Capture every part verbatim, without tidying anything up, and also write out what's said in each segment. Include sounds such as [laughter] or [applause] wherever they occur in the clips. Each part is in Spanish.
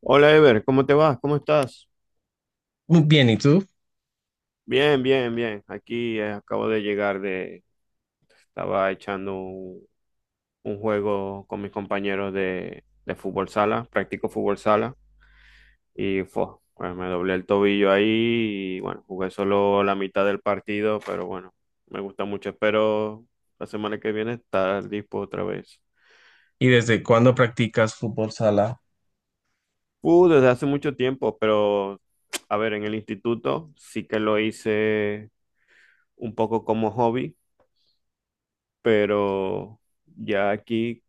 Hola Ever, ¿cómo te vas? ¿Cómo estás? Bien, ¿y tú? Bien, bien, bien. Aquí, eh, acabo de llegar de. Estaba echando un, un juego con mis compañeros de, de fútbol sala, practico fútbol sala y fue, bueno, me doblé el tobillo ahí y bueno, jugué solo la mitad del partido, pero bueno, me gusta mucho. Espero la semana que viene estar dispo otra vez. ¿Y desde cuándo practicas fútbol sala? Uh, desde hace mucho tiempo, pero a ver, en el instituto sí que lo hice un poco como hobby, pero ya aquí,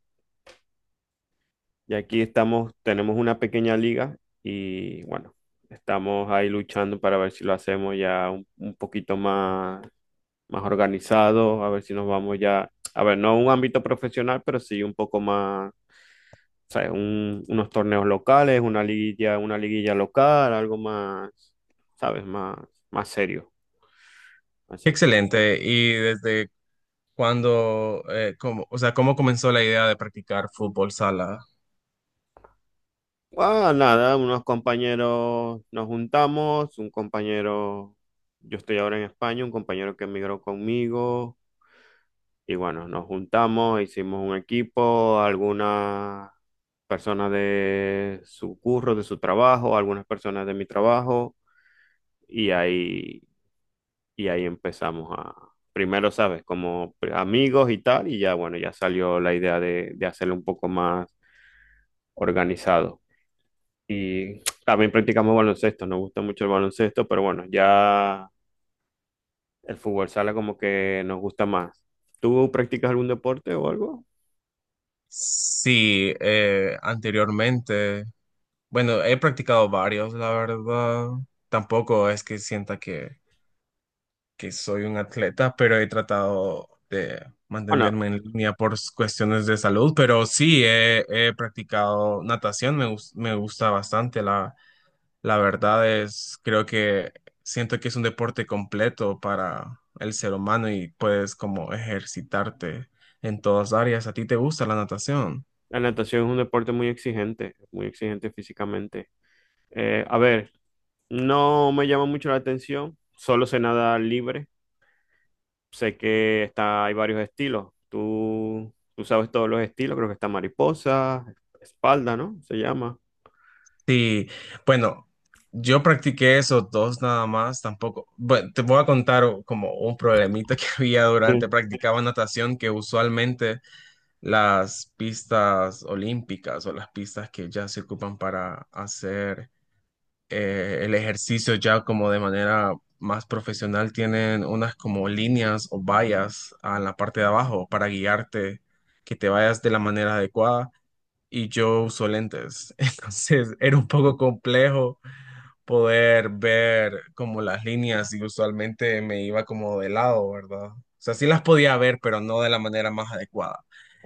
ya aquí estamos, tenemos una pequeña liga y bueno, estamos ahí luchando para ver si lo hacemos ya un, un poquito más, más organizado, a ver si nos vamos ya, a ver, no a un ámbito profesional, pero sí un poco más, o sea, un- unos torneos locales, una liguilla, una liguilla local, algo más, ¿sabes? Más, más serio. Excelente. ¿Y desde cuándo, eh, cómo, o sea, cómo comenzó la idea de practicar fútbol sala? Ah, nada, unos compañeros nos juntamos, un compañero, yo estoy ahora en España, un compañero que emigró conmigo, y bueno, nos juntamos, hicimos un equipo, algunas personas de su curro, de su trabajo, algunas personas de mi trabajo, y ahí, y ahí empezamos a, primero, sabes, como pr- amigos y tal, y ya bueno, ya salió la idea de, de hacerlo un poco más organizado. Y también practicamos baloncesto, nos gusta mucho el baloncesto, pero bueno, ya el fútbol sala como que nos gusta más. ¿Tú practicas algún deporte o algo? Sí, eh, anteriormente, bueno, he practicado varios, la verdad. Tampoco es que sienta que, que soy un atleta, pero he tratado de Bueno, mantenerme en línea por cuestiones de salud. Pero sí, he, he practicado natación, me, gus- me gusta bastante. La verdad es, creo que siento que es un deporte completo para el ser humano y puedes como ejercitarte en todas áreas. ¿A ti te gusta la natación? la natación es un deporte muy exigente, muy exigente físicamente. Eh, a ver, no me llama mucho la atención, solo sé nadar libre, sé que está, hay varios estilos. Tú, tú sabes todos los estilos, creo que está mariposa, espalda, ¿no? Se llama. Sí, bueno, yo practiqué esos dos nada más, tampoco. Bueno, te voy a contar o- como un problemita que [laughs] había Sí. durante, practicaba natación que usualmente las pistas olímpicas o las pistas que ya se ocupan para hacer eh, el ejercicio ya como de manera más profesional tienen unas como líneas o vallas en la parte de abajo para guiarte, que te vayas de la manera adecuada. Y yo uso lentes, [laughs] entonces era un poco complejo poder ver como las líneas y usualmente me iba como de lado, ¿verdad? O sea, sí las podía ver, pero no de la manera más adecuada.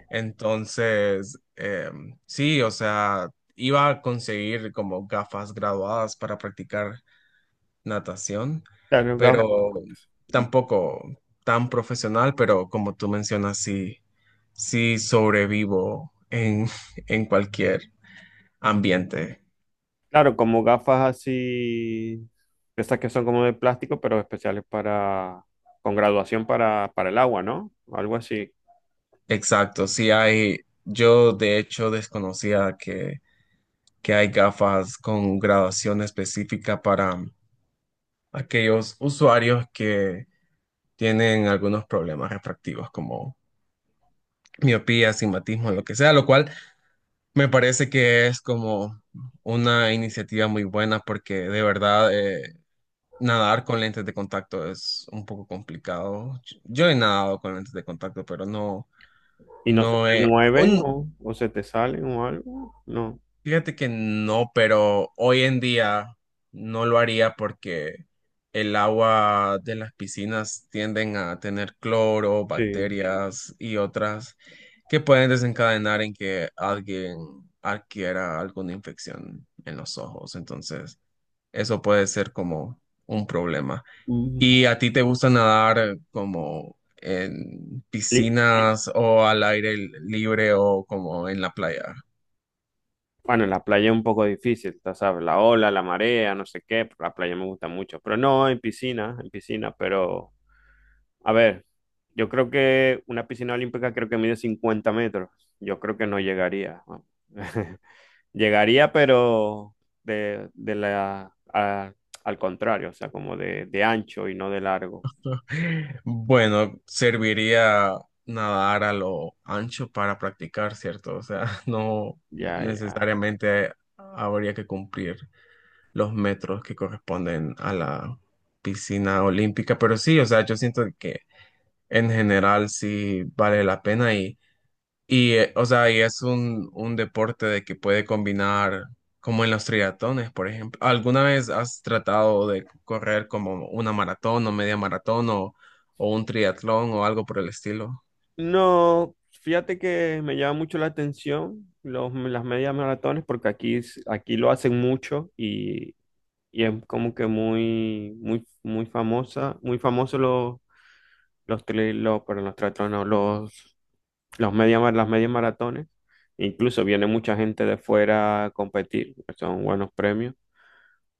Entonces, em, sí, o sea, iba a conseguir como gafas graduadas para practicar natación, Claro, pero tampoco tan profesional, pero como tú mencionas, sí, sí sobrevivo en, [laughs] en cualquier ambiente. claro, como gafas así, estas que son como de plástico, pero especiales para, con graduación para, para el agua, ¿no? Algo así. Exacto, sí hay, yo de hecho desconocía que, que hay gafas con graduación específica para aquellos usuarios que tienen algunos problemas refractivos como miopía, astigmatismo, lo que sea, lo cual me parece que es como una iniciativa muy buena porque de verdad eh, nadar con lentes de contacto es un poco complicado. Yo he nadado con lentes de contacto, pero no, Y no no se No, te he, mueven un- o, o se te salen o algo. No, fíjate que no, pero hoy en día no lo haría porque el agua de las piscinas tienden a tener cloro, sí. bacterias y otras que pueden desencadenar en que alguien adquiera alguna infección en los ojos. Entonces, eso puede ser como un problema. Mm. ¿Y a ti te gusta nadar como en Li- piscinas o al aire libre o como en la playa? Bueno, en la playa es un poco difícil, tú sabes, la ola, la marea, no sé qué, pero la playa me gusta mucho. Pero no, en piscina, en piscina, pero a ver, yo creo que una piscina olímpica creo que mide cincuenta metros. Yo creo que no llegaría, ¿no? [laughs] Llegaría, pero de, de la, a- al contrario, o sea, como de, de ancho y no de largo. Bueno, serviría nadar a lo ancho para practicar, ¿cierto? O sea, [laughs] no Ya, ya. necesariamente habría que cumplir los metros que corresponden a la piscina olímpica, pero sí, o sea, yo siento que en general sí vale la pena y, eh, o sea, y es un, un deporte de que puede combinar, como en los triatones, por ejemplo. ¿Alguna vez has tratado de correr como una maratón o media maratón o, o un triatlón o algo por el estilo? No, fíjate que me llama mucho la atención los, las medias maratones porque aquí, es- aquí lo hacen mucho y, y es como que muy, muy, muy famosa, muy famoso los, los, tri- los, perdón, los triatlones, no, los, los media, mar- las medias maratones. Incluso viene mucha gente de fuera a competir, son buenos premios,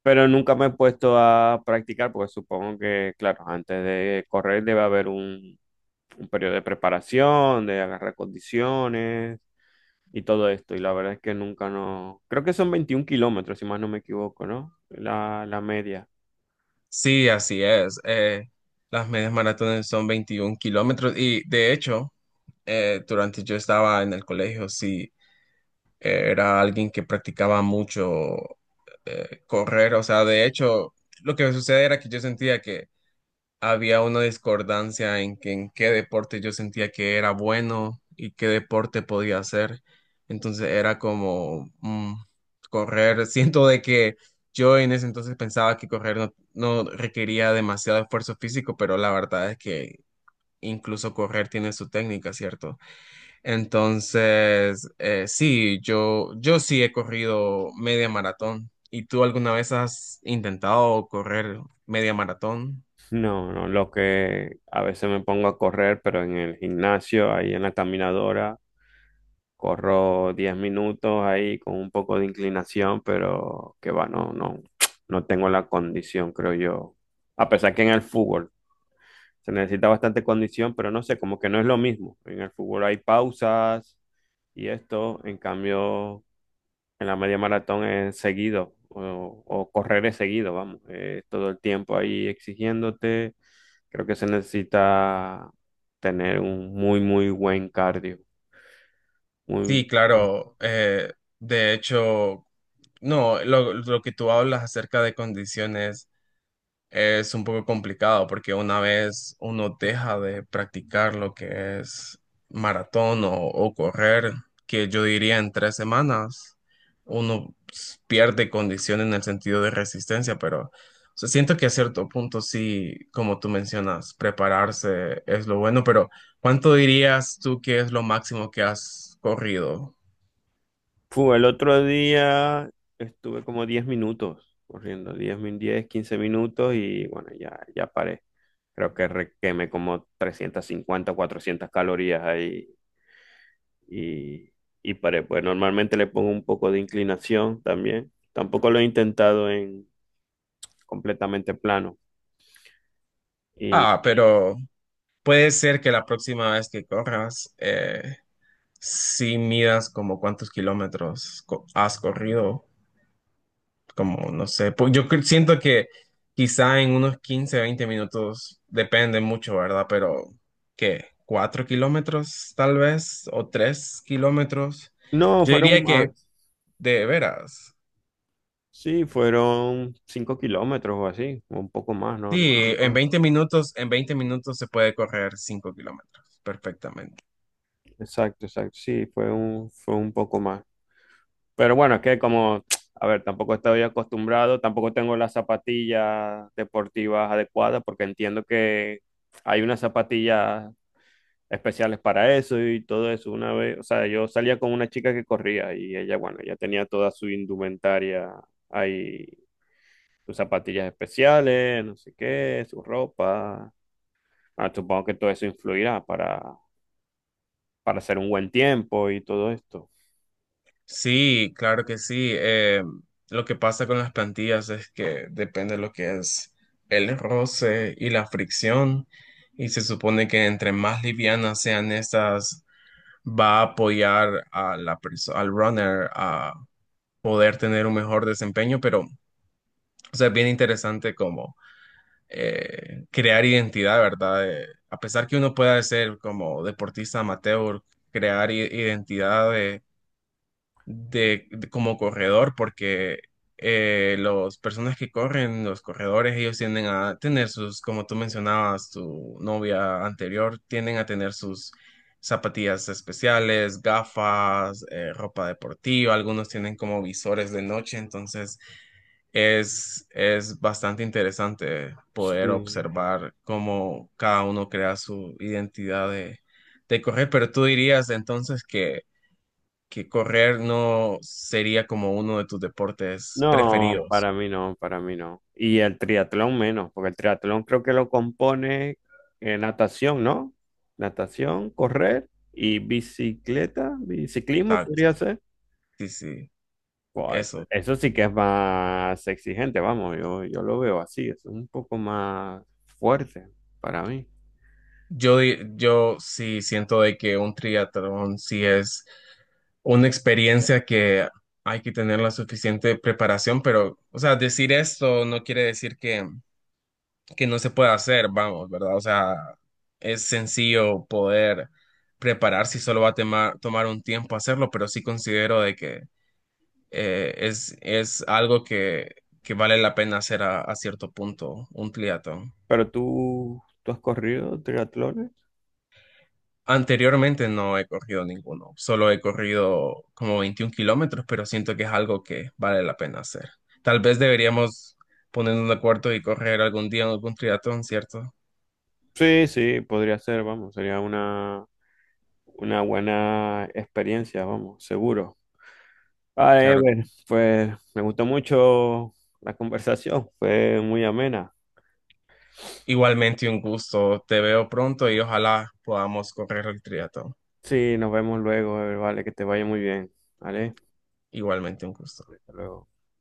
pero nunca me he puesto a practicar porque supongo que, claro, antes de correr debe haber un, un periodo de preparación, de agarrar condiciones y todo esto. Y la verdad es que nunca no. Creo que son veintiún kilómetros, si más no me equivoco, ¿no? La, la media. Sí, así es. Eh, las medias maratones son veintiún kilómetros y de hecho, eh, durante yo estaba en el colegio, sí, eh, era alguien que practicaba mucho eh, correr. O sea, de hecho, lo que sucede era que yo sentía que había una discordancia en que en qué deporte yo sentía que era bueno y qué deporte podía hacer. Entonces era como mm, correr. [laughs] Siento de que yo en ese entonces pensaba que correr no, no requería demasiado esfuerzo físico, pero la verdad es que incluso correr tiene su técnica, ¿cierto? Entonces, eh, sí, yo, yo sí he corrido media maratón. ¿Y tú alguna vez has intentado correr media maratón? No, no, lo que a veces me pongo a correr, pero en el gimnasio, ahí en la caminadora, corro diez minutos ahí con un poco de inclinación, pero que va, no, no, no tengo la condición, creo yo. A pesar que en el fútbol se necesita bastante condición, pero no sé, como que no es lo mismo. En el fútbol hay pausas y esto, en cambio, en la media maratón es seguido o, o correr es seguido, vamos. Eh, todo el tiempo ahí exigiéndote. Creo que se necesita tener un muy, muy buen cardio. Muy. Sí, claro. Eh, de hecho, no, lo, lo que tú hablas acerca de condiciones es un poco complicado porque una vez uno deja de practicar lo que es maratón o, o correr, que yo diría en tres semanas, uno pues, pierde condición en el sentido de resistencia, pero o sea, siento que a cierto punto sí, como tú mencionas, prepararse es lo bueno, pero ¿cuánto dirías tú que es lo máximo que has corrido? Fu, el otro día estuve como diez minutos corriendo, diez min- diez, quince minutos y bueno, ya, ya paré. Creo que re- quemé como trescientos cincuenta, cuatrocientas calorías ahí. Y, y para Pues normalmente le pongo un poco de inclinación también. Tampoco lo he intentado en completamente plano. Y Ah, pero puede ser que la próxima vez que corras, eh, si midas como cuántos kilómetros co- has corrido, como no sé, pues yo cre- siento que quizá en unos quince, veinte minutos, depende mucho, ¿verdad? Pero ¿qué? ¿Cuatro kilómetros tal vez? ¿O tres kilómetros? no, Yo fueron diría que más. de veras, Sí, fueron cinco kilómetros o así, o un poco más, no, no, sí, no, en no, veinte no. minutos, en veinte minutos se puede correr cinco kilómetros perfectamente. Exacto, exacto. Sí, fue un, fue un poco más. Pero bueno, es que como, a ver, tampoco estoy acostumbrado, tampoco tengo las zapatillas deportivas adecuadas, porque entiendo que hay unas zapatillas especiales para eso y todo eso. Una vez, o sea, yo salía con una chica que corría y ella, bueno, ya tenía toda su indumentaria ahí, sus zapatillas especiales, no sé qué, su ropa. Bueno, supongo que todo eso influirá para, para hacer un buen tiempo y todo esto. Sí, claro que sí. Eh, lo que pasa con las plantillas es que depende de lo que es el roce y la fricción. Y se supone que entre más livianas sean estas, va a apoyar a la perso- al runner a poder tener un mejor desempeño. Pero, o sea, es bien interesante como eh, crear identidad, ¿verdad? Eh, a pesar que uno pueda ser como deportista amateur, crear i- identidad eh, de, de- como corredor, porque eh, las personas que corren los corredores, ellos tienden a tener sus, como tú mencionabas, tu novia anterior, tienden a tener sus zapatillas especiales, gafas, eh, ropa deportiva, algunos tienen como visores de noche, entonces es, es bastante interesante poder Sí. observar cómo cada uno crea su identidad de, de correr, pero tú dirías entonces que que correr no sería como uno de tus deportes No, preferidos. para mí no, para mí no. Y el triatlón menos, porque el triatlón creo que lo compone eh, natación, ¿no? Natación, correr y bicicleta, biciclismo Exacto. podría ser. Sí, sí, Guay, eso. eso sí que es más exigente, vamos, yo, yo lo veo así, es un poco más fuerte para mí. Yo, di- yo sí siento de que un triatlón sí es una experiencia que hay que tener la suficiente preparación, pero, o sea, decir esto no quiere decir que, que no se pueda hacer, vamos, ¿verdad? O sea, es sencillo poder prepararse y solo va a tema- tomar un tiempo hacerlo, pero sí considero de que eh, es, es algo que, que vale la pena hacer a, a cierto punto, un triatlón. Pero tú, ¿tú has corrido triatlones? Anteriormente no he corrido ninguno, solo he corrido como veintiún kilómetros, pero siento que es algo que vale la pena hacer. Tal vez deberíamos ponernos de acuerdo y correr algún día en algún triatlón, ¿cierto? Sí, sí, podría ser, vamos, sería una, una buena experiencia, vamos, seguro. Vale, Claro. Ever, pues me gustó mucho la conversación, fue muy amena. Igualmente un gusto, te veo pronto y ojalá podamos correr el triatlón. Sí, nos vemos luego, Ever, vale, que te vaya muy bien, ¿vale? Igualmente un gusto. Hasta luego.